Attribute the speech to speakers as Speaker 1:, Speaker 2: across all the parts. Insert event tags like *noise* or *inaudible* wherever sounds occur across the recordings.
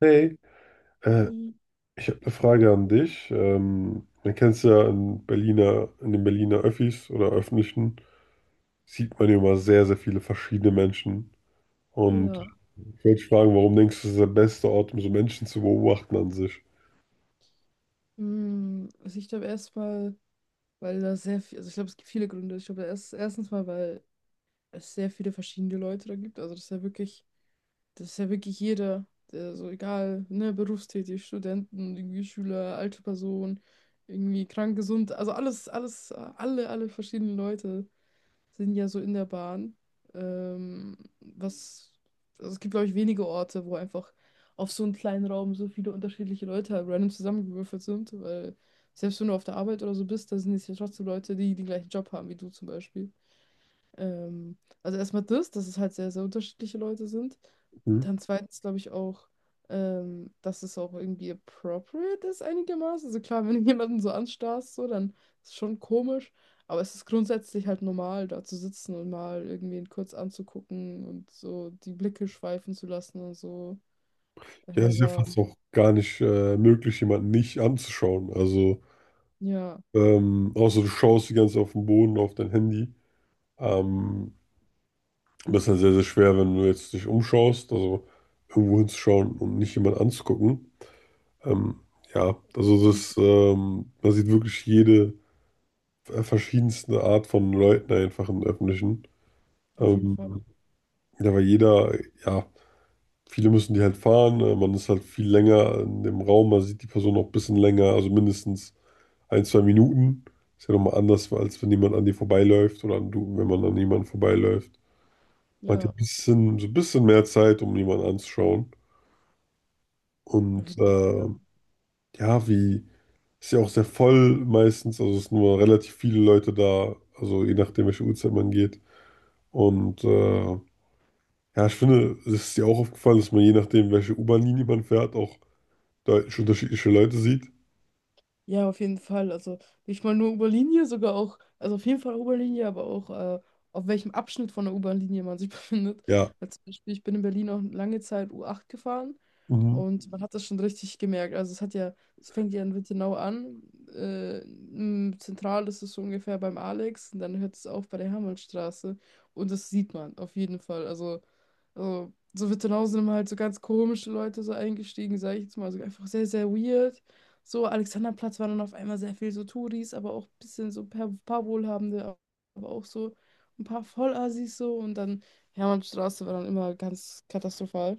Speaker 1: Hey, äh,
Speaker 2: Hi.
Speaker 1: ich habe eine Frage an dich. Man kennt es ja in Berliner, in den Berliner Öffis oder öffentlichen, sieht man ja immer sehr, sehr viele verschiedene Menschen. Und ich
Speaker 2: Ja,
Speaker 1: wollte dich fragen, warum denkst du, das ist der beste Ort, um so Menschen zu beobachten an sich?
Speaker 2: also ich glaube erstmal, weil da sehr viel, also ich glaube, es gibt viele Gründe. Ich glaube, erstens mal, weil es sehr viele verschiedene Leute da gibt. Also das ist ja wirklich jeder, der so egal, ne, berufstätig, Studenten, irgendwie Schüler, alte Person, irgendwie krank, gesund, also alle verschiedenen Leute sind ja so in der Bahn. Ähm, was, also es gibt, glaube ich, wenige Orte, wo einfach auf so einem kleinen Raum so viele unterschiedliche Leute halt random zusammengewürfelt sind, weil selbst wenn du auf der Arbeit oder so bist, da sind es ja trotzdem Leute, die den gleichen Job haben wie du zum Beispiel. Ähm, also erstmal das, dass es halt sehr, sehr unterschiedliche Leute sind.
Speaker 1: Hm?
Speaker 2: Und dann zweitens glaube ich auch, dass es auch irgendwie appropriate ist einigermaßen. Also klar, wenn du *laughs* jemanden so anstarrst, so, dann ist es schon komisch. Aber es ist grundsätzlich halt normal, da zu sitzen und mal irgendwen kurz anzugucken und so die Blicke schweifen zu lassen und so.
Speaker 1: Ja, es ist ja
Speaker 2: Ja,
Speaker 1: fast auch gar nicht möglich, jemanden nicht anzuschauen. Also,
Speaker 2: ja,
Speaker 1: außer du schaust die ganze Zeit auf den Boden, auf dein Handy. Ähm, das ist dann sehr, sehr schwer, wenn du jetzt dich umschaust, also irgendwo hinzuschauen und nicht jemanden anzugucken. Ähm, ja, also das, man sieht wirklich jede verschiedenste Art von Leuten einfach im Öffentlichen.
Speaker 2: auf jeden
Speaker 1: Ähm,
Speaker 2: Fall.
Speaker 1: ja, weil jeder, ja, viele müssen die halt fahren, man ist halt viel länger in dem Raum, man sieht die Person noch ein bisschen länger, also mindestens ein, zwei Minuten. Ist ja nochmal anders, als wenn jemand an dir vorbeiläuft oder wenn man an jemanden vorbeiläuft. Man hat ja ein
Speaker 2: Ja,
Speaker 1: bisschen, so ein bisschen mehr Zeit, um jemanden anzuschauen.
Speaker 2: auf
Speaker 1: Und
Speaker 2: jeden Fall, ja.
Speaker 1: ja, wie. Ist ja auch sehr voll meistens, also es sind nur relativ viele Leute da, also je nachdem, welche Uhrzeit man geht. Und ja, ich finde, es ist dir auch aufgefallen, dass man je nachdem, welche U-Bahn-Linie man fährt, auch deutlich unterschiedliche Leute sieht.
Speaker 2: Ja, auf jeden Fall. Also nicht mal nur U-Bahn-Linie, sogar auch, also auf jeden Fall U-Bahn-Linie, aber auch auf welchem Abschnitt von der U-Bahn-Linie man sich *laughs* befindet.
Speaker 1: Ja.
Speaker 2: Weil zum Beispiel, ich bin in Berlin auch lange Zeit U8 gefahren
Speaker 1: Mhm.
Speaker 2: und man hat das schon richtig gemerkt. Also es fängt ja in Wittenau an. Zentral ist es so ungefähr beim Alex und dann hört es auf bei der Hermannstraße. Und das sieht man auf jeden Fall. Also, so Wittenhausen haben halt so ganz komische Leute so eingestiegen, sage ich jetzt mal. Also einfach sehr, sehr weird. So, Alexanderplatz war dann auf einmal sehr viel so Touris, aber auch ein bisschen so paar Wohlhabende, aber auch so ein paar Vollassis so. Und dann Hermannstraße war dann immer ganz katastrophal.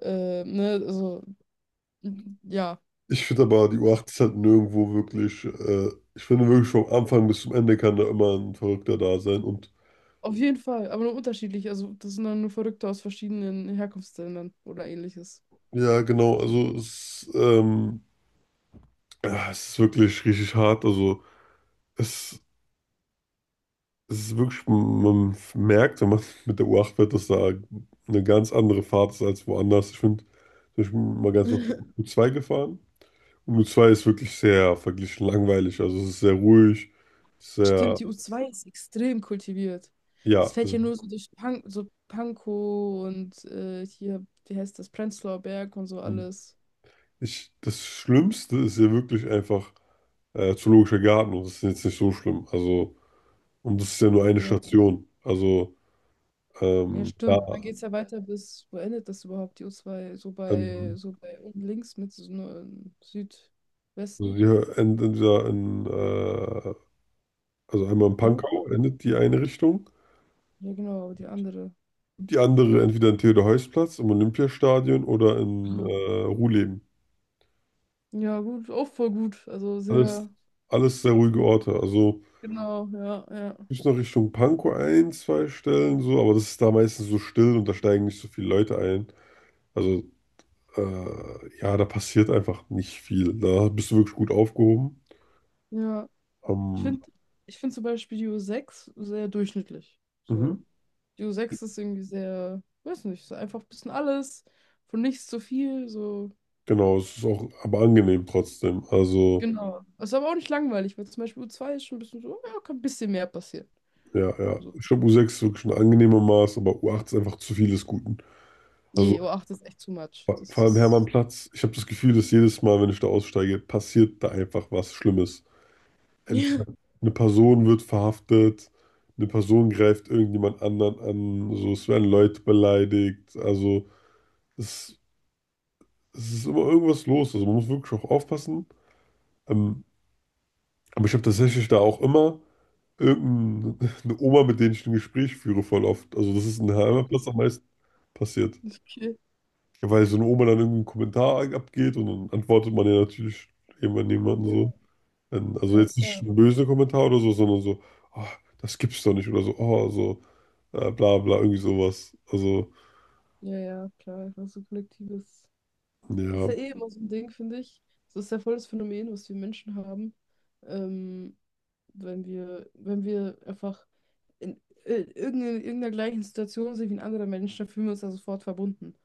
Speaker 2: Äh, ne, also, mm, ja,
Speaker 1: Ich finde aber, die U8 ist halt nirgendwo wirklich, ich finde wirklich vom Anfang bis zum Ende kann da immer ein Verrückter da sein. Und
Speaker 2: auf jeden Fall, aber nur unterschiedlich. Also, das sind dann nur Verrückte aus verschiedenen Herkunftsländern oder ähnliches.
Speaker 1: ja, genau, also es, ja, es ist wirklich richtig hart. Also es es ist wirklich, man merkt, wenn man mit der U8 fährt, dass da eine ganz andere Fahrt ist als woanders. Ich finde, ich bin mal ganz oft
Speaker 2: *laughs*
Speaker 1: U2 gefahren. Und U2 ist wirklich sehr verglichen langweilig. Also es ist sehr ruhig,
Speaker 2: Stimmt,
Speaker 1: sehr,
Speaker 2: die u zwei ist extrem kultiviert. Das
Speaker 1: ja.
Speaker 2: fällt ja nur so durch Pankow und hier, wie heißt das, Prenzlauer Berg und so alles.
Speaker 1: Das Schlimmste ist ja wirklich einfach Zoologischer Garten und das ist jetzt nicht so schlimm. Also, und das ist ja nur eine
Speaker 2: Ja,
Speaker 1: Station. Also,
Speaker 2: ja,
Speaker 1: da,
Speaker 2: stimmt. Dann geht es ja weiter bis, wo endet das überhaupt, die u zwei?
Speaker 1: ähm,
Speaker 2: So bei unten links mit so nur im
Speaker 1: also
Speaker 2: Südwesten.
Speaker 1: hier also einmal in
Speaker 2: Ruhr?
Speaker 1: Pankow endet die eine Richtung,
Speaker 2: Ja, genau, die andere.
Speaker 1: die andere entweder in Theodor-Heuss-Platz, im Olympiastadion oder in
Speaker 2: Ja,
Speaker 1: Ruhleben.
Speaker 2: ja, gut, auch voll gut. Also
Speaker 1: Alles,
Speaker 2: sehr,
Speaker 1: alles sehr ruhige Orte. Also
Speaker 2: genau, ja, ja.
Speaker 1: bis noch Richtung Pankow ein, zwei Stellen so, aber das ist da meistens so still und da steigen nicht so viele Leute ein. Also ja, da passiert einfach nicht viel. Da bist du wirklich gut aufgehoben.
Speaker 2: Ja, ich
Speaker 1: Ähm,
Speaker 2: finde, Ich finde zum Beispiel die u sechs sehr durchschnittlich.
Speaker 1: mhm.
Speaker 2: So. Dio 6 ist irgendwie sehr, weiß nicht, so einfach ein bisschen alles, von nichts zu viel, so.
Speaker 1: Genau, es ist auch aber angenehm trotzdem. Also
Speaker 2: Genau. Ist aber auch nicht langweilig, weil zum Beispiel U2 ist schon ein bisschen so, ja, kann ein bisschen mehr passieren.
Speaker 1: ja, ja.
Speaker 2: So.
Speaker 1: Ich glaube, U6 ist wirklich ein angenehmer Maß, aber U8 ist einfach zu vieles Guten.
Speaker 2: Je,
Speaker 1: Also
Speaker 2: U8 ist echt too much.
Speaker 1: Vor,
Speaker 2: Das
Speaker 1: vor allem
Speaker 2: ist.
Speaker 1: Hermannplatz. Ich habe das Gefühl, dass jedes Mal, wenn ich da aussteige, passiert da einfach was Schlimmes.
Speaker 2: *laughs*
Speaker 1: Entweder
Speaker 2: Ja,
Speaker 1: eine Person wird verhaftet, eine Person greift irgendjemand anderen an, so, es werden Leute beleidigt. Also es, es ist immer irgendwas los. Also man muss wirklich auch aufpassen. Ähm, aber ich habe tatsächlich da auch immer irgendeine *laughs* Oma, mit denen ich ein Gespräch führe, voll oft. Also das ist in Hermannplatz
Speaker 2: echt?
Speaker 1: am meisten passiert.
Speaker 2: Okay.
Speaker 1: Weil so eine Oma dann irgendeinen Kommentar abgeht und dann antwortet man ja natürlich jemand jemanden
Speaker 2: Ja,
Speaker 1: so. Dann- Also
Speaker 2: ja,
Speaker 1: jetzt nicht
Speaker 2: klar.
Speaker 1: ein böse Kommentar oder so, sondern so, ah, das gibt's doch nicht oder so, oh, so, bla bla, irgendwie sowas. Also,
Speaker 2: Ja, ja, klar. Einfach so kollektives. Das ist
Speaker 1: ja,
Speaker 2: ja eh immer so ein Ding, finde ich. Das ist ja voll das Phänomen, was wir Menschen haben. Ähm, wenn wenn wir einfach in irgendeiner gleichen Situation sind wie ein anderer Mensch, dann fühlen wir uns da sofort verbunden.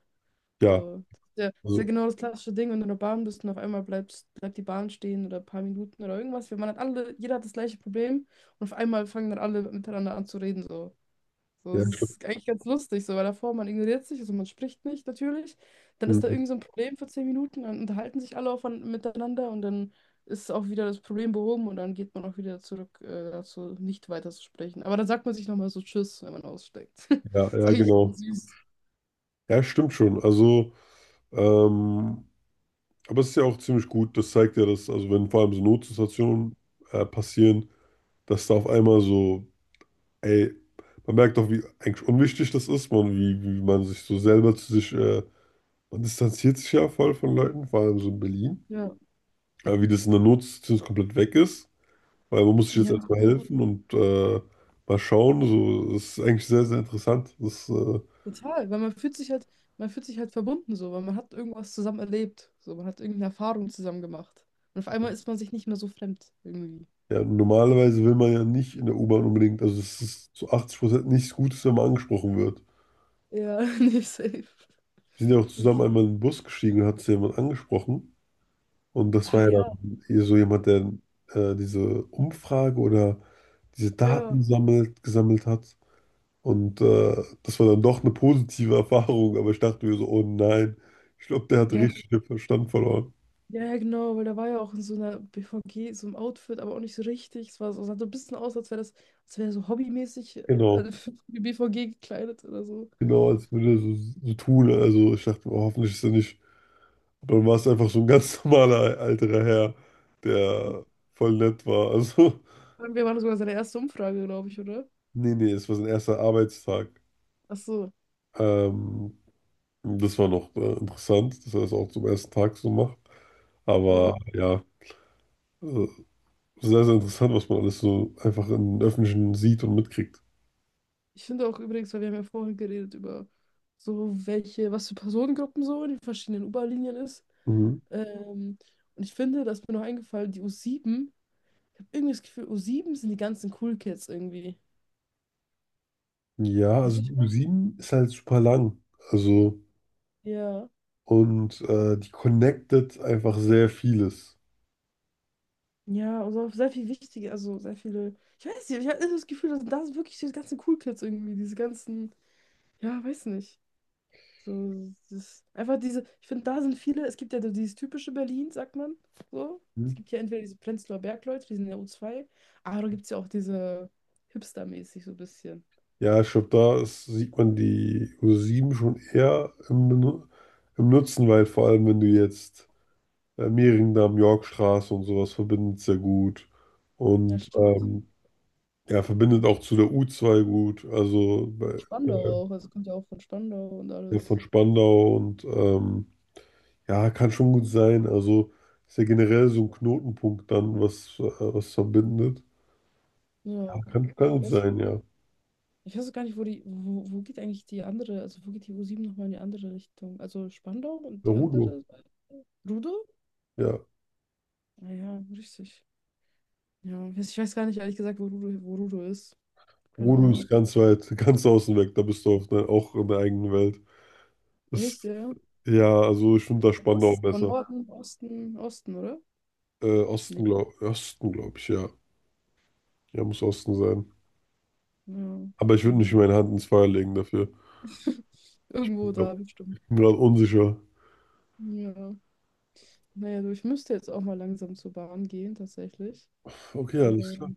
Speaker 1: ja,
Speaker 2: So, das ist ja
Speaker 1: also,
Speaker 2: genau das klassische Ding, wenn du in der Bahn bist und auf einmal bleibt die Bahn stehen oder ein paar Minuten oder irgendwas, weil man hat alle, jeder hat das gleiche Problem und auf einmal fangen dann alle miteinander an zu reden. So. So,
Speaker 1: ja,
Speaker 2: das
Speaker 1: ich glaub,
Speaker 2: ist eigentlich ganz lustig, so, weil davor man ignoriert sich, also man spricht nicht natürlich. Dann ist da
Speaker 1: mhm.
Speaker 2: irgend so ein Problem für zehn Minuten, dann unterhalten sich alle miteinander und dann ist auch wieder das Problem behoben und dann geht man auch wieder zurück dazu, nicht weiter zu sprechen. Aber dann sagt man sich nochmal so Tschüss, wenn man aussteigt. *laughs*
Speaker 1: Ja,
Speaker 2: Ist
Speaker 1: ja,
Speaker 2: eigentlich ganz
Speaker 1: genau.
Speaker 2: süß.
Speaker 1: Ja, stimmt schon. Also, ähm, aber es ist ja auch ziemlich gut, das zeigt ja, dass, also wenn vor allem so Notsituationen passieren, dass da auf einmal so, ey, man merkt doch, wie eigentlich unwichtig das ist, man, wie, wie man sich so selber zu sich, man distanziert sich ja voll von Leuten, vor allem so in Berlin.
Speaker 2: Ja,
Speaker 1: Aber wie das in der Notsituation komplett weg ist, weil man muss sich jetzt
Speaker 2: ja,
Speaker 1: erstmal
Speaker 2: genau.
Speaker 1: helfen und mal schauen. So, das ist eigentlich sehr, sehr interessant. Das, äh,
Speaker 2: Total, weil man fühlt sich halt verbunden so, weil man hat irgendwas zusammen erlebt, so, man hat irgendeine Erfahrung zusammen gemacht. Und auf einmal ist man sich nicht mehr so fremd irgendwie.
Speaker 1: ja, normalerweise will man ja nicht in der U-Bahn unbedingt, also es ist zu 80% nichts Gutes, wenn man angesprochen wird.
Speaker 2: Ja, *laughs* nicht safe.
Speaker 1: Wir sind ja auch zusammen
Speaker 2: Okay.
Speaker 1: einmal in den Bus gestiegen und hat sich jemand angesprochen. Und das war
Speaker 2: Ah
Speaker 1: ja
Speaker 2: ja,
Speaker 1: dann eher so jemand, der diese Umfrage oder diese
Speaker 2: ja,
Speaker 1: Daten sammelt, gesammelt hat. Und das war dann doch eine positive Erfahrung, aber ich dachte mir so, oh nein, ich glaube, der hat
Speaker 2: ja,
Speaker 1: richtig den Verstand verloren.
Speaker 2: ja, genau, weil da war ja auch in so einer BVG, so einem Outfit, aber auch nicht so richtig. Es war so, sah so ein bisschen aus, als wäre das, als wäre so hobbymäßig
Speaker 1: Genau,
Speaker 2: *laughs* für die BVG gekleidet oder so.
Speaker 1: genau, als würde er so, so tun. Also ich dachte, oh, hoffentlich ist er nicht. Aber dann war es einfach so ein ganz *laughs* normaler älterer Herr, der voll nett war. Also,
Speaker 2: Und wir waren sogar seine erste Umfrage, glaube ich, oder?
Speaker 1: *laughs* nee, nee, es war sein erster Arbeitstag.
Speaker 2: Ach so,
Speaker 1: Ähm, das war noch interessant, dass er das auch zum ersten Tag so macht. Aber
Speaker 2: ja.
Speaker 1: ja, äh, sehr, sehr interessant, was man alles so einfach im Öffentlichen sieht und mitkriegt.
Speaker 2: Ich finde auch übrigens, weil wir haben ja vorhin geredet über so welche, was für Personengruppen so in den verschiedenen U-Bahn-Linien ist.
Speaker 1: Mhm.
Speaker 2: Ähm, und ich finde, da ist mir noch eingefallen, die u sieben. Ich habe irgendwie das Gefühl, u sieben sind die ganzen Cool Kids irgendwie.
Speaker 1: Ja,
Speaker 2: Weiß
Speaker 1: also die
Speaker 2: ich noch?
Speaker 1: U7 ist halt super lang. Also,
Speaker 2: Ja.
Speaker 1: und die connectet einfach sehr vieles.
Speaker 2: Ja, also sehr viel wichtige, also sehr viele. Ich weiß nicht, ich habe das Gefühl, dass das wirklich diese ganzen Cool Kids irgendwie, diese ganzen, ja, weiß nicht. So, das einfach diese, ich finde, da sind viele, es gibt ja so dieses typische Berlin, sagt man. So. Es
Speaker 1: Mhm.
Speaker 2: gibt ja entweder diese Prenzlauer Bergleute, die sind in der u zwei, aber da gibt es ja auch diese Hipster-mäßig so ein bisschen.
Speaker 1: Ja, ich glaube, da ist, sieht man die U7 schon eher im, Benu- im Nutzen, weil vor allem, wenn du jetzt Mehringdamm, Yorkstraße und sowas verbindet sehr gut.
Speaker 2: Ja,
Speaker 1: Und
Speaker 2: stimmt.
Speaker 1: ja, verbindet auch zu der U2 gut. Also
Speaker 2: Und
Speaker 1: bei,
Speaker 2: Spandau auch, also kommt ja auch von Spandau und alles.
Speaker 1: von Spandau und ja, kann schon gut sein. Also ist ja generell so ein Knotenpunkt dann, was verbindet.
Speaker 2: Ja.
Speaker 1: Kann gut sein, ja.
Speaker 2: Ich weiß auch gar nicht, wo geht eigentlich die andere, also wo geht die U7 nochmal in die andere Richtung? Also Spandau und
Speaker 1: Ja,
Speaker 2: die
Speaker 1: Rudo.
Speaker 2: andere? Rudo?
Speaker 1: Ja.
Speaker 2: Ah, ja, richtig. Ja, ich weiß gar nicht, ehrlich gesagt, wo Rudo ist. Keine
Speaker 1: Rudo
Speaker 2: Ahnung.
Speaker 1: ist ganz weit, *laughs* ganz außen weg. Da bist du auf der, auch in der eigenen Welt. Das,
Speaker 2: Echt, ja?
Speaker 1: ja, also ich finde da
Speaker 2: Wo ist
Speaker 1: Spandau
Speaker 2: es? Von
Speaker 1: besser.
Speaker 2: Norden, Osten, Osten, oder?
Speaker 1: Osten,
Speaker 2: Nee.
Speaker 1: glaube Osten, glaub ich, ja. Ja, muss Osten sein.
Speaker 2: Ja.
Speaker 1: Aber ich würde
Speaker 2: Ja.
Speaker 1: nicht meine Hand ins Feuer legen dafür.
Speaker 2: *laughs* Irgendwo
Speaker 1: Ja,
Speaker 2: da, bestimmt.
Speaker 1: ich bin gerade unsicher.
Speaker 2: Ja. Naja, du, ich müsste jetzt auch mal langsam zur Bahn gehen, tatsächlich.
Speaker 1: Okay, alles klar.
Speaker 2: Ähm,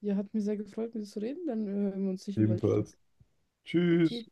Speaker 2: ja, hat mir sehr gefreut, mit dir zu reden. Dann hören wir uns sicher bald wieder.
Speaker 1: Ebenfalls.
Speaker 2: Okay.
Speaker 1: Tschüss.